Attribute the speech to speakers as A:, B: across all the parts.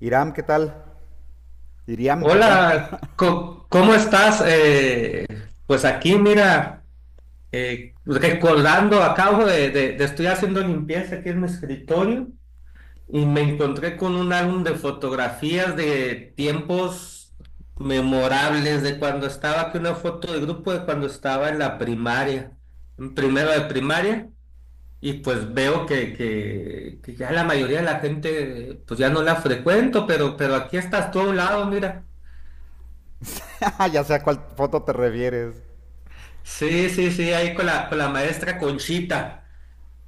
A: Iram, ¿qué tal? Iriam, perdón.
B: Hola, ¿cómo estás? Pues aquí, mira, recordando, acabo de estoy haciendo limpieza aquí en mi escritorio y me encontré con un álbum de fotografías de tiempos memorables de cuando estaba aquí, una foto de grupo de cuando estaba en la primaria, en primero de primaria, y pues veo que ya la mayoría de la gente, pues ya no la frecuento, pero aquí estás tú a un lado, mira.
A: Ya sé a cuál foto te refieres.
B: Sí, sí, sí, ahí con la maestra Conchita,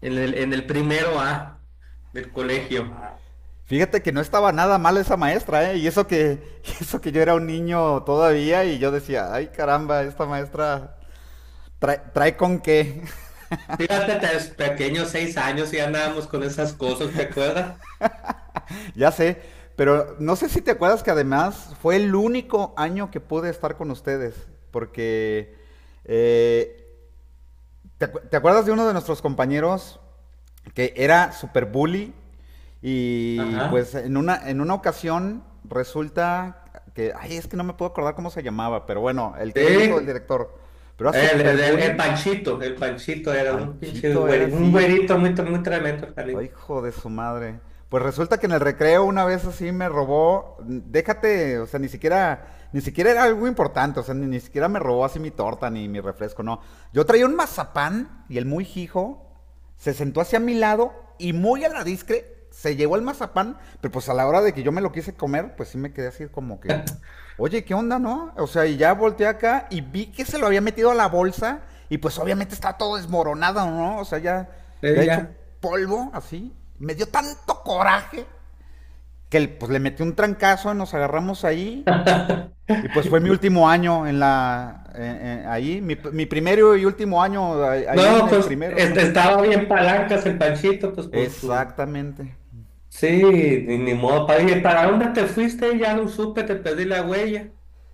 B: en el primero A del colegio.
A: Fíjate que no estaba nada mal esa maestra, ¿eh? Y eso que, eso que yo era un niño todavía y yo decía, ay caramba, esta maestra trae con qué.
B: Fíjate, pequeños 6 años y andábamos con esas cosas, ¿te acuerdas?
A: Ya sé, pero no sé si te acuerdas que además fue el único año que pude estar con ustedes, porque eh, ¿ te acuerdas de uno de nuestros compañeros que era super bully y
B: Ajá.
A: pues en una ocasión resulta que, ay, es que no me puedo acordar cómo se llamaba, pero bueno, el
B: Sí,
A: que era el hijo del
B: el,
A: director, pero era
B: el,
A: super
B: el- el
A: bully.
B: Panchito, el Panchito era un pinche
A: Panchito era
B: güerito, un
A: así.
B: güerito muy, muy tremendo, el canijo.
A: Ay, hijo de su madre. Pues resulta que en el recreo una vez así me robó, déjate, o sea, ni siquiera, ni siquiera era algo importante, o sea, ni siquiera me robó así mi torta ni mi refresco, no. Yo traía un mazapán y el muy hijo se sentó hacia mi lado y muy a la discre se llevó el mazapán, pero pues a la hora de que yo me lo quise comer, pues sí me quedé así como que, oye, ¿qué onda, no? O sea, y ya volteé acá y vi que se lo había metido a la bolsa y pues obviamente estaba todo desmoronado, ¿no? O sea, ya, ya
B: Sí,
A: hecho
B: ya.
A: polvo, así. Me dio tanto coraje que pues le metí un trancazo y nos agarramos ahí. Y pues fue mi último año en ahí, mi primero y último año ahí en
B: No,
A: el
B: pues
A: primero.
B: este, estaba bien palancas el Panchito, pues con su...
A: Exactamente.
B: Sí, ni modo, oye, ¿para dónde te fuiste? Ya no supe, te perdí la huella.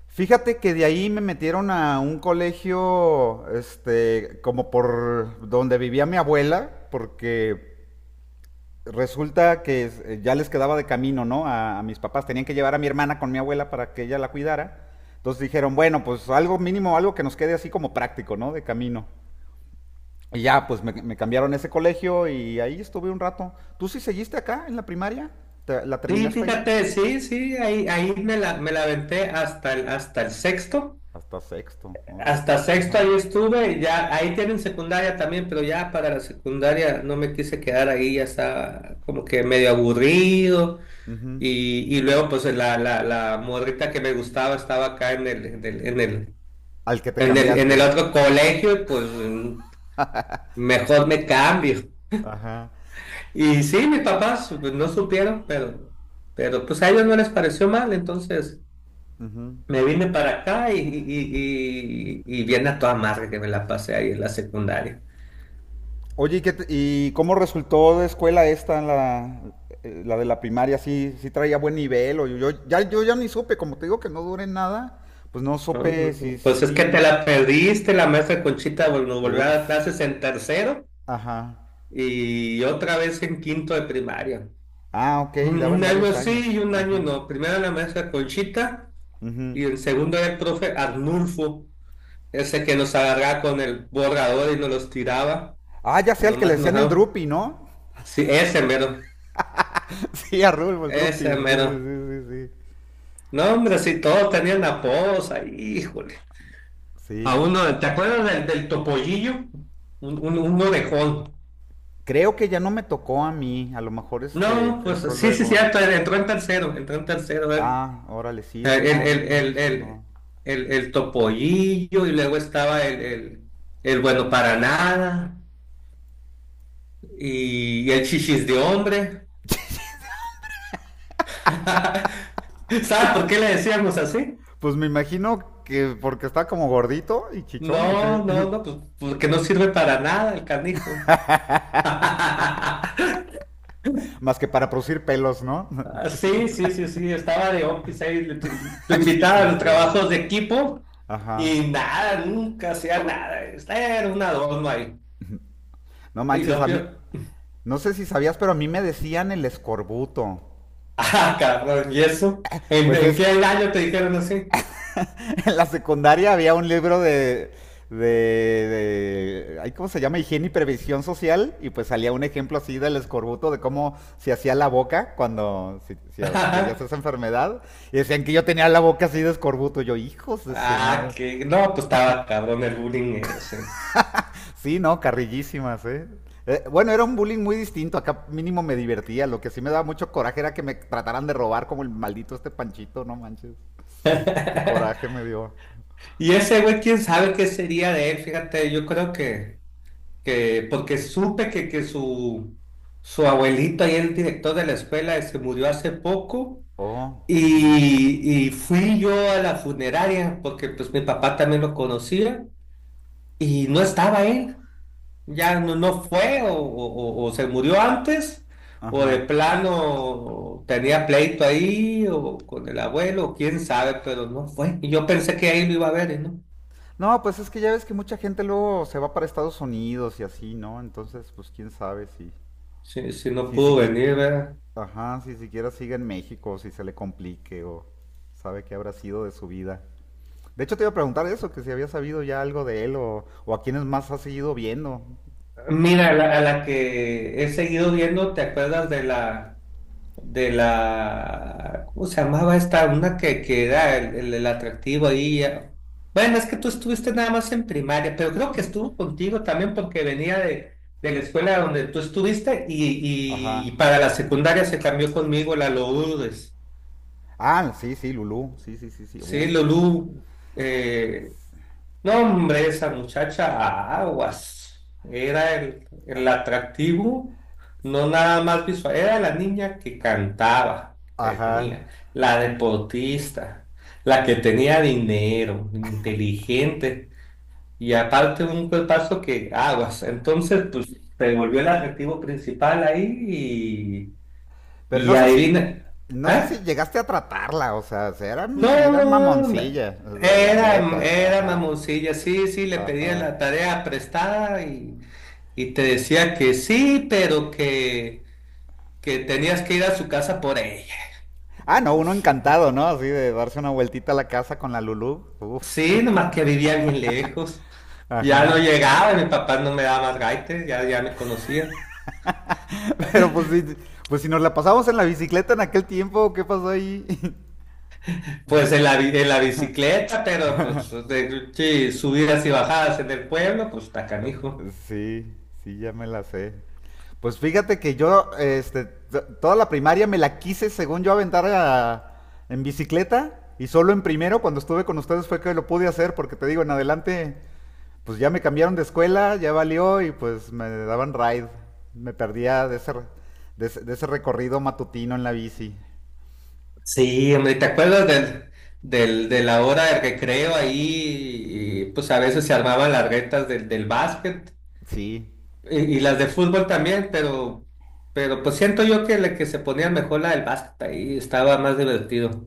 A: Fíjate que de ahí me metieron a un colegio, este, como por donde vivía mi abuela, porque resulta que ya les quedaba de camino, ¿no? A mis papás. Tenían que llevar a mi hermana con mi abuela para que ella la cuidara. Entonces dijeron, bueno, pues algo mínimo, algo que nos quede así como práctico, ¿no? De camino. Y ya, pues me cambiaron a ese colegio y ahí estuve un rato. ¿Tú sí seguiste acá en la primaria? ¿ La
B: Sí,
A: terminaste ahí?
B: fíjate, sí, sí, ahí me la aventé hasta el sexto.
A: Hasta sexto, órale.
B: Hasta sexto
A: Ajá.
B: ahí estuve, ya ahí tienen secundaria también, pero ya para la secundaria no me quise quedar ahí, ya estaba como que medio aburrido.
A: Ujú.
B: Y luego pues la morrita que me gustaba estaba acá en el, en el, en el,
A: Al que te
B: en el, en el
A: cambiaste.
B: otro colegio, y pues mejor me cambio.
A: Ajá.
B: Y sí, mis papás pues, no supieron, pero pues a ellos no les pareció mal, entonces...
A: Ujú.
B: Me vine para acá y viene a toda madre que me la pasé ahí en la secundaria.
A: Oye, ¿y y cómo resultó de escuela esta, la de la primaria? ¿Sí, sí traía buen nivel? O yo ya ni supe, como te digo que no duré nada, pues no
B: ¿No?
A: supe si
B: Pues es que te
A: sí.
B: la perdiste, la maestra Conchita nos volvió a
A: Uf,
B: dar clases en tercero
A: ajá.
B: y otra vez en quinto de primaria.
A: Ah, ok,
B: Un,
A: daba
B: un
A: en
B: año
A: varios
B: sí y
A: años.
B: un año
A: Ajá.
B: no. Primero la maestra Conchita
A: Ujú.
B: y el segundo era el profe Arnulfo, ese que nos agarraba con el borrador y nos los tiraba.
A: Ah, ya sea el que le
B: Nomás nos...
A: decían el Drupi, ¿no?
B: Sí, ese mero,
A: Sí, a Rulfo, el Drupi, sí, sí,
B: ese mero.
A: sí, sí, sí.
B: No, hombre, si todos tenían apodos ahí, híjole. A
A: Sí.
B: uno, ¿te acuerdas del topollillo? Un orejón.
A: Creo que ya no me tocó a mí, a lo mejor
B: No,
A: este
B: pues
A: entró
B: sí, sí,
A: luego.
B: cierto, él entró en tercero él.
A: Ah, órale, sí,
B: El,
A: ese
B: el,
A: no, no me
B: el, el, el,
A: sonó.
B: el topollillo y luego estaba el bueno para nada y el chichis de hombre. ¿Sabes por qué le decíamos así?
A: Pues me imagino que porque está como gordito y chichón o qué.
B: No, no, no, pues porque no sirve para nada el canijo.
A: Más que para producir pelos, ¿no?
B: Ah, sí, sí, sí, sí, estaba de office ahí, te
A: Chichis,
B: invitaba a
A: o
B: los
A: sea,
B: trabajos de equipo
A: ajá.
B: y nada, nunca hacía nada, era un adorno ahí.
A: No
B: Y
A: manches,
B: lo
A: a mí.
B: peor,
A: No sé si sabías, pero a mí me decían el escorbuto.
B: ah, cabrón, ¿y eso? ¿En,
A: Pues
B: en
A: es.
B: qué año te dijeron así?
A: En la secundaria había un libro de. Ay, ¿cómo se llama? Higiene y previsión social. Y pues salía un ejemplo así del escorbuto, de cómo se hacía la boca cuando si adquirías esa enfermedad. Y decían que yo tenía la boca así de escorbuto. Yo, hijos de su
B: Ah,
A: madre.
B: que no, pues estaba cabrón el bullying ese.
A: Sí, no, carrillísimas, ¿eh? Bueno, era un bullying muy distinto. Acá mínimo me divertía. Lo que sí me daba mucho coraje era que me trataran de robar como el maldito este Panchito, no manches. Qué coraje me dio.
B: Y ese güey, quién sabe qué sería de él, fíjate, yo creo que porque supe que su abuelito ahí, el director de la escuela, se murió hace poco.
A: Oh, ujú,
B: Y fui yo a la funeraria porque pues mi papá también lo conocía y no estaba él, ya no, no fue o se murió antes o de
A: ajá.
B: plano tenía pleito ahí o con el abuelo, o quién sabe, pero no fue. Y yo pensé que ahí lo iba a ver y no,
A: No, pues es que ya ves que mucha gente luego se va para Estados Unidos y así, ¿no? Entonces, pues quién sabe
B: sí sí no
A: si
B: pudo
A: siquiera,
B: venir, ¿verdad?
A: ajá, si siquiera sigue en México, o si se le complique o sabe qué habrá sido de su vida. De hecho, te iba a preguntar eso, que si había sabido ya algo de él o a quiénes más has seguido viendo.
B: Mira, a la que he seguido viendo, ¿te acuerdas de la ¿cómo se llamaba esta? Una que era el atractivo ahí. Bueno, es que tú estuviste nada más en primaria, pero creo que estuvo contigo también porque venía de la escuela donde tú estuviste y
A: Ajá.
B: para la secundaria se cambió conmigo la Lourdes.
A: Ah, sí, sí, Lulú. Sí, sí, sí, sí.
B: Sí,
A: Uf.
B: Lulú. eh, no, hombre, esa muchacha, aguas. Era el atractivo, no nada más visual, era la niña que cantaba, que
A: Ajá.
B: tenía, la deportista, la que tenía dinero, inteligente, y aparte un cuerpazo que, aguas. Entonces, pues, se volvió el atractivo principal ahí y,
A: Pero
B: y
A: no sé si.
B: adivina,
A: No sé si
B: ah
A: llegaste a tratarla, o sea, se- era, era
B: no, me-
A: mamoncilla, o sea, la
B: era,
A: neta.
B: era,
A: Ajá.
B: mamoncilla, sí, sí, le pedía
A: Ajá.
B: la tarea prestada y te decía que sí, pero que tenías que ir a su casa por ella. Y
A: Ah, no, uno
B: pues,
A: encantado, ¿no? Así de darse una vueltita a la casa con la Lulú. Uf.
B: sí, nomás que vivía bien lejos. Ya no
A: Ajá.
B: llegaba, y mi papá no me daba más gaites, ya, ya me conocía.
A: Pero pues si nos la pasamos en la bicicleta en aquel tiempo, ¿qué pasó ahí?
B: Pues en la bicicleta, pero pues sí, subidas y bajadas en el pueblo, pues está canijo.
A: Sí, sí, ya me la sé. Pues fíjate que yo, este, t- toda la primaria me la quise, según yo, aventar a- en bicicleta. Y solo en primero, cuando estuve con ustedes, fue que lo pude hacer, porque te digo, en adelante, pues ya me cambiaron de escuela, ya valió, y pues me daban ride. Me perdía de ese, re- de ese recorrido matutino en la bici.
B: Sí, hombre, ¿te acuerdas de la hora de recreo ahí? Y, pues a veces se armaban las retas del básquet
A: Sí.
B: y las de fútbol también, pero pues siento yo que, la que se ponían mejor la del básquet ahí estaba más divertido.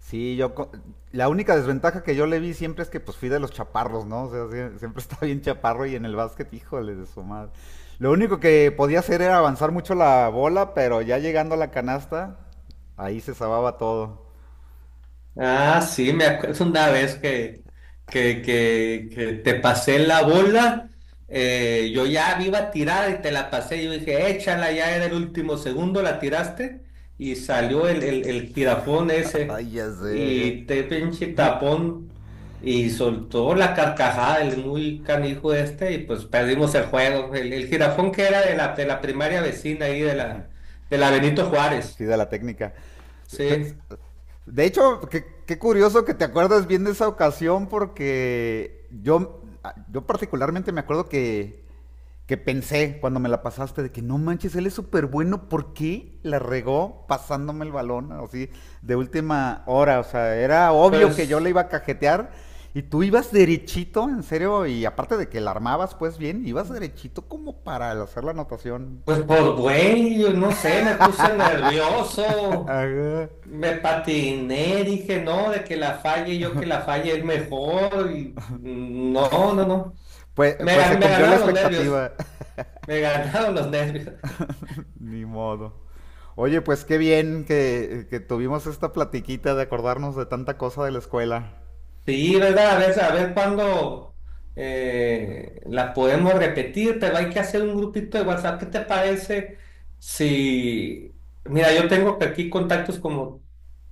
A: Sí, yo co- la única desventaja que yo le vi siempre es que pues fui de los chaparros, ¿no? O sea, siempre estaba bien chaparro y en el básquet, híjole de su madre. Lo único que podía hacer era avanzar mucho la bola, pero ya llegando a la canasta, ahí se sababa todo.
B: Ah, sí, me acuerdo una vez que te pasé la bola, yo ya me iba a tirar y te la pasé, yo dije, échala, ya era el último segundo, la tiraste y salió el jirafón ese
A: Ay, ya sé, ajá.
B: y te pinche tapón y soltó la carcajada el muy canijo este y pues perdimos el juego. El jirafón que era de la primaria vecina ahí de la Benito Juárez,
A: Sí, de la técnica. Pues,
B: sí,
A: de hecho, qué, qué curioso que te acuerdas bien de esa ocasión porque yo particularmente me acuerdo que pensé cuando me la pasaste de que no manches, él es súper bueno, ¿por qué la regó pasándome el balón así de última hora? O sea, era obvio que yo le
B: pues...
A: iba a cajetear y tú ibas derechito, en serio, y aparte de que la armabas pues bien, ibas derechito como para hacer la anotación.
B: Pues por güey, yo no sé, me puse nervioso, me patiné, dije no, de que la falle yo que la falle es mejor y no, no, no.
A: Pues,
B: Me,
A: pues se
B: gan- me
A: cumplió la
B: ganaron los nervios,
A: expectativa.
B: me ganaron los nervios.
A: Ni modo. Oye, pues qué bien que tuvimos esta platiquita de acordarnos de tanta cosa de la escuela.
B: Sí, ¿verdad? A ver cuándo la podemos repetir, pero hay que hacer un grupito de WhatsApp. ¿Qué te parece si... Mira, yo tengo que aquí contactos como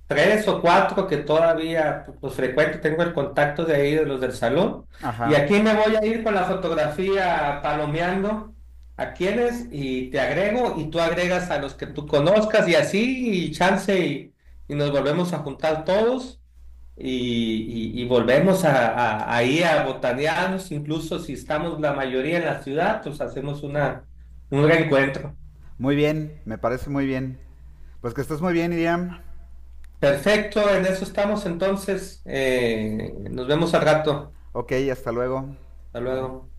B: tres o cuatro que todavía pues, frecuento. Tengo el contacto de ahí, de los del salón.
A: Ajá.
B: Y aquí me voy a ir con la fotografía palomeando a quienes y te agrego y tú agregas a los que tú conozcas y así y chance y nos volvemos a juntar todos y volvemos ahí a botanearnos, incluso si estamos la mayoría en la ciudad, pues hacemos una, un reencuentro.
A: Muy bien, me parece muy bien. Pues que estés muy bien, Iriam.
B: Perfecto, en eso estamos entonces. Nos vemos al rato.
A: Ok, hasta luego.
B: Hasta
A: Bye.
B: luego.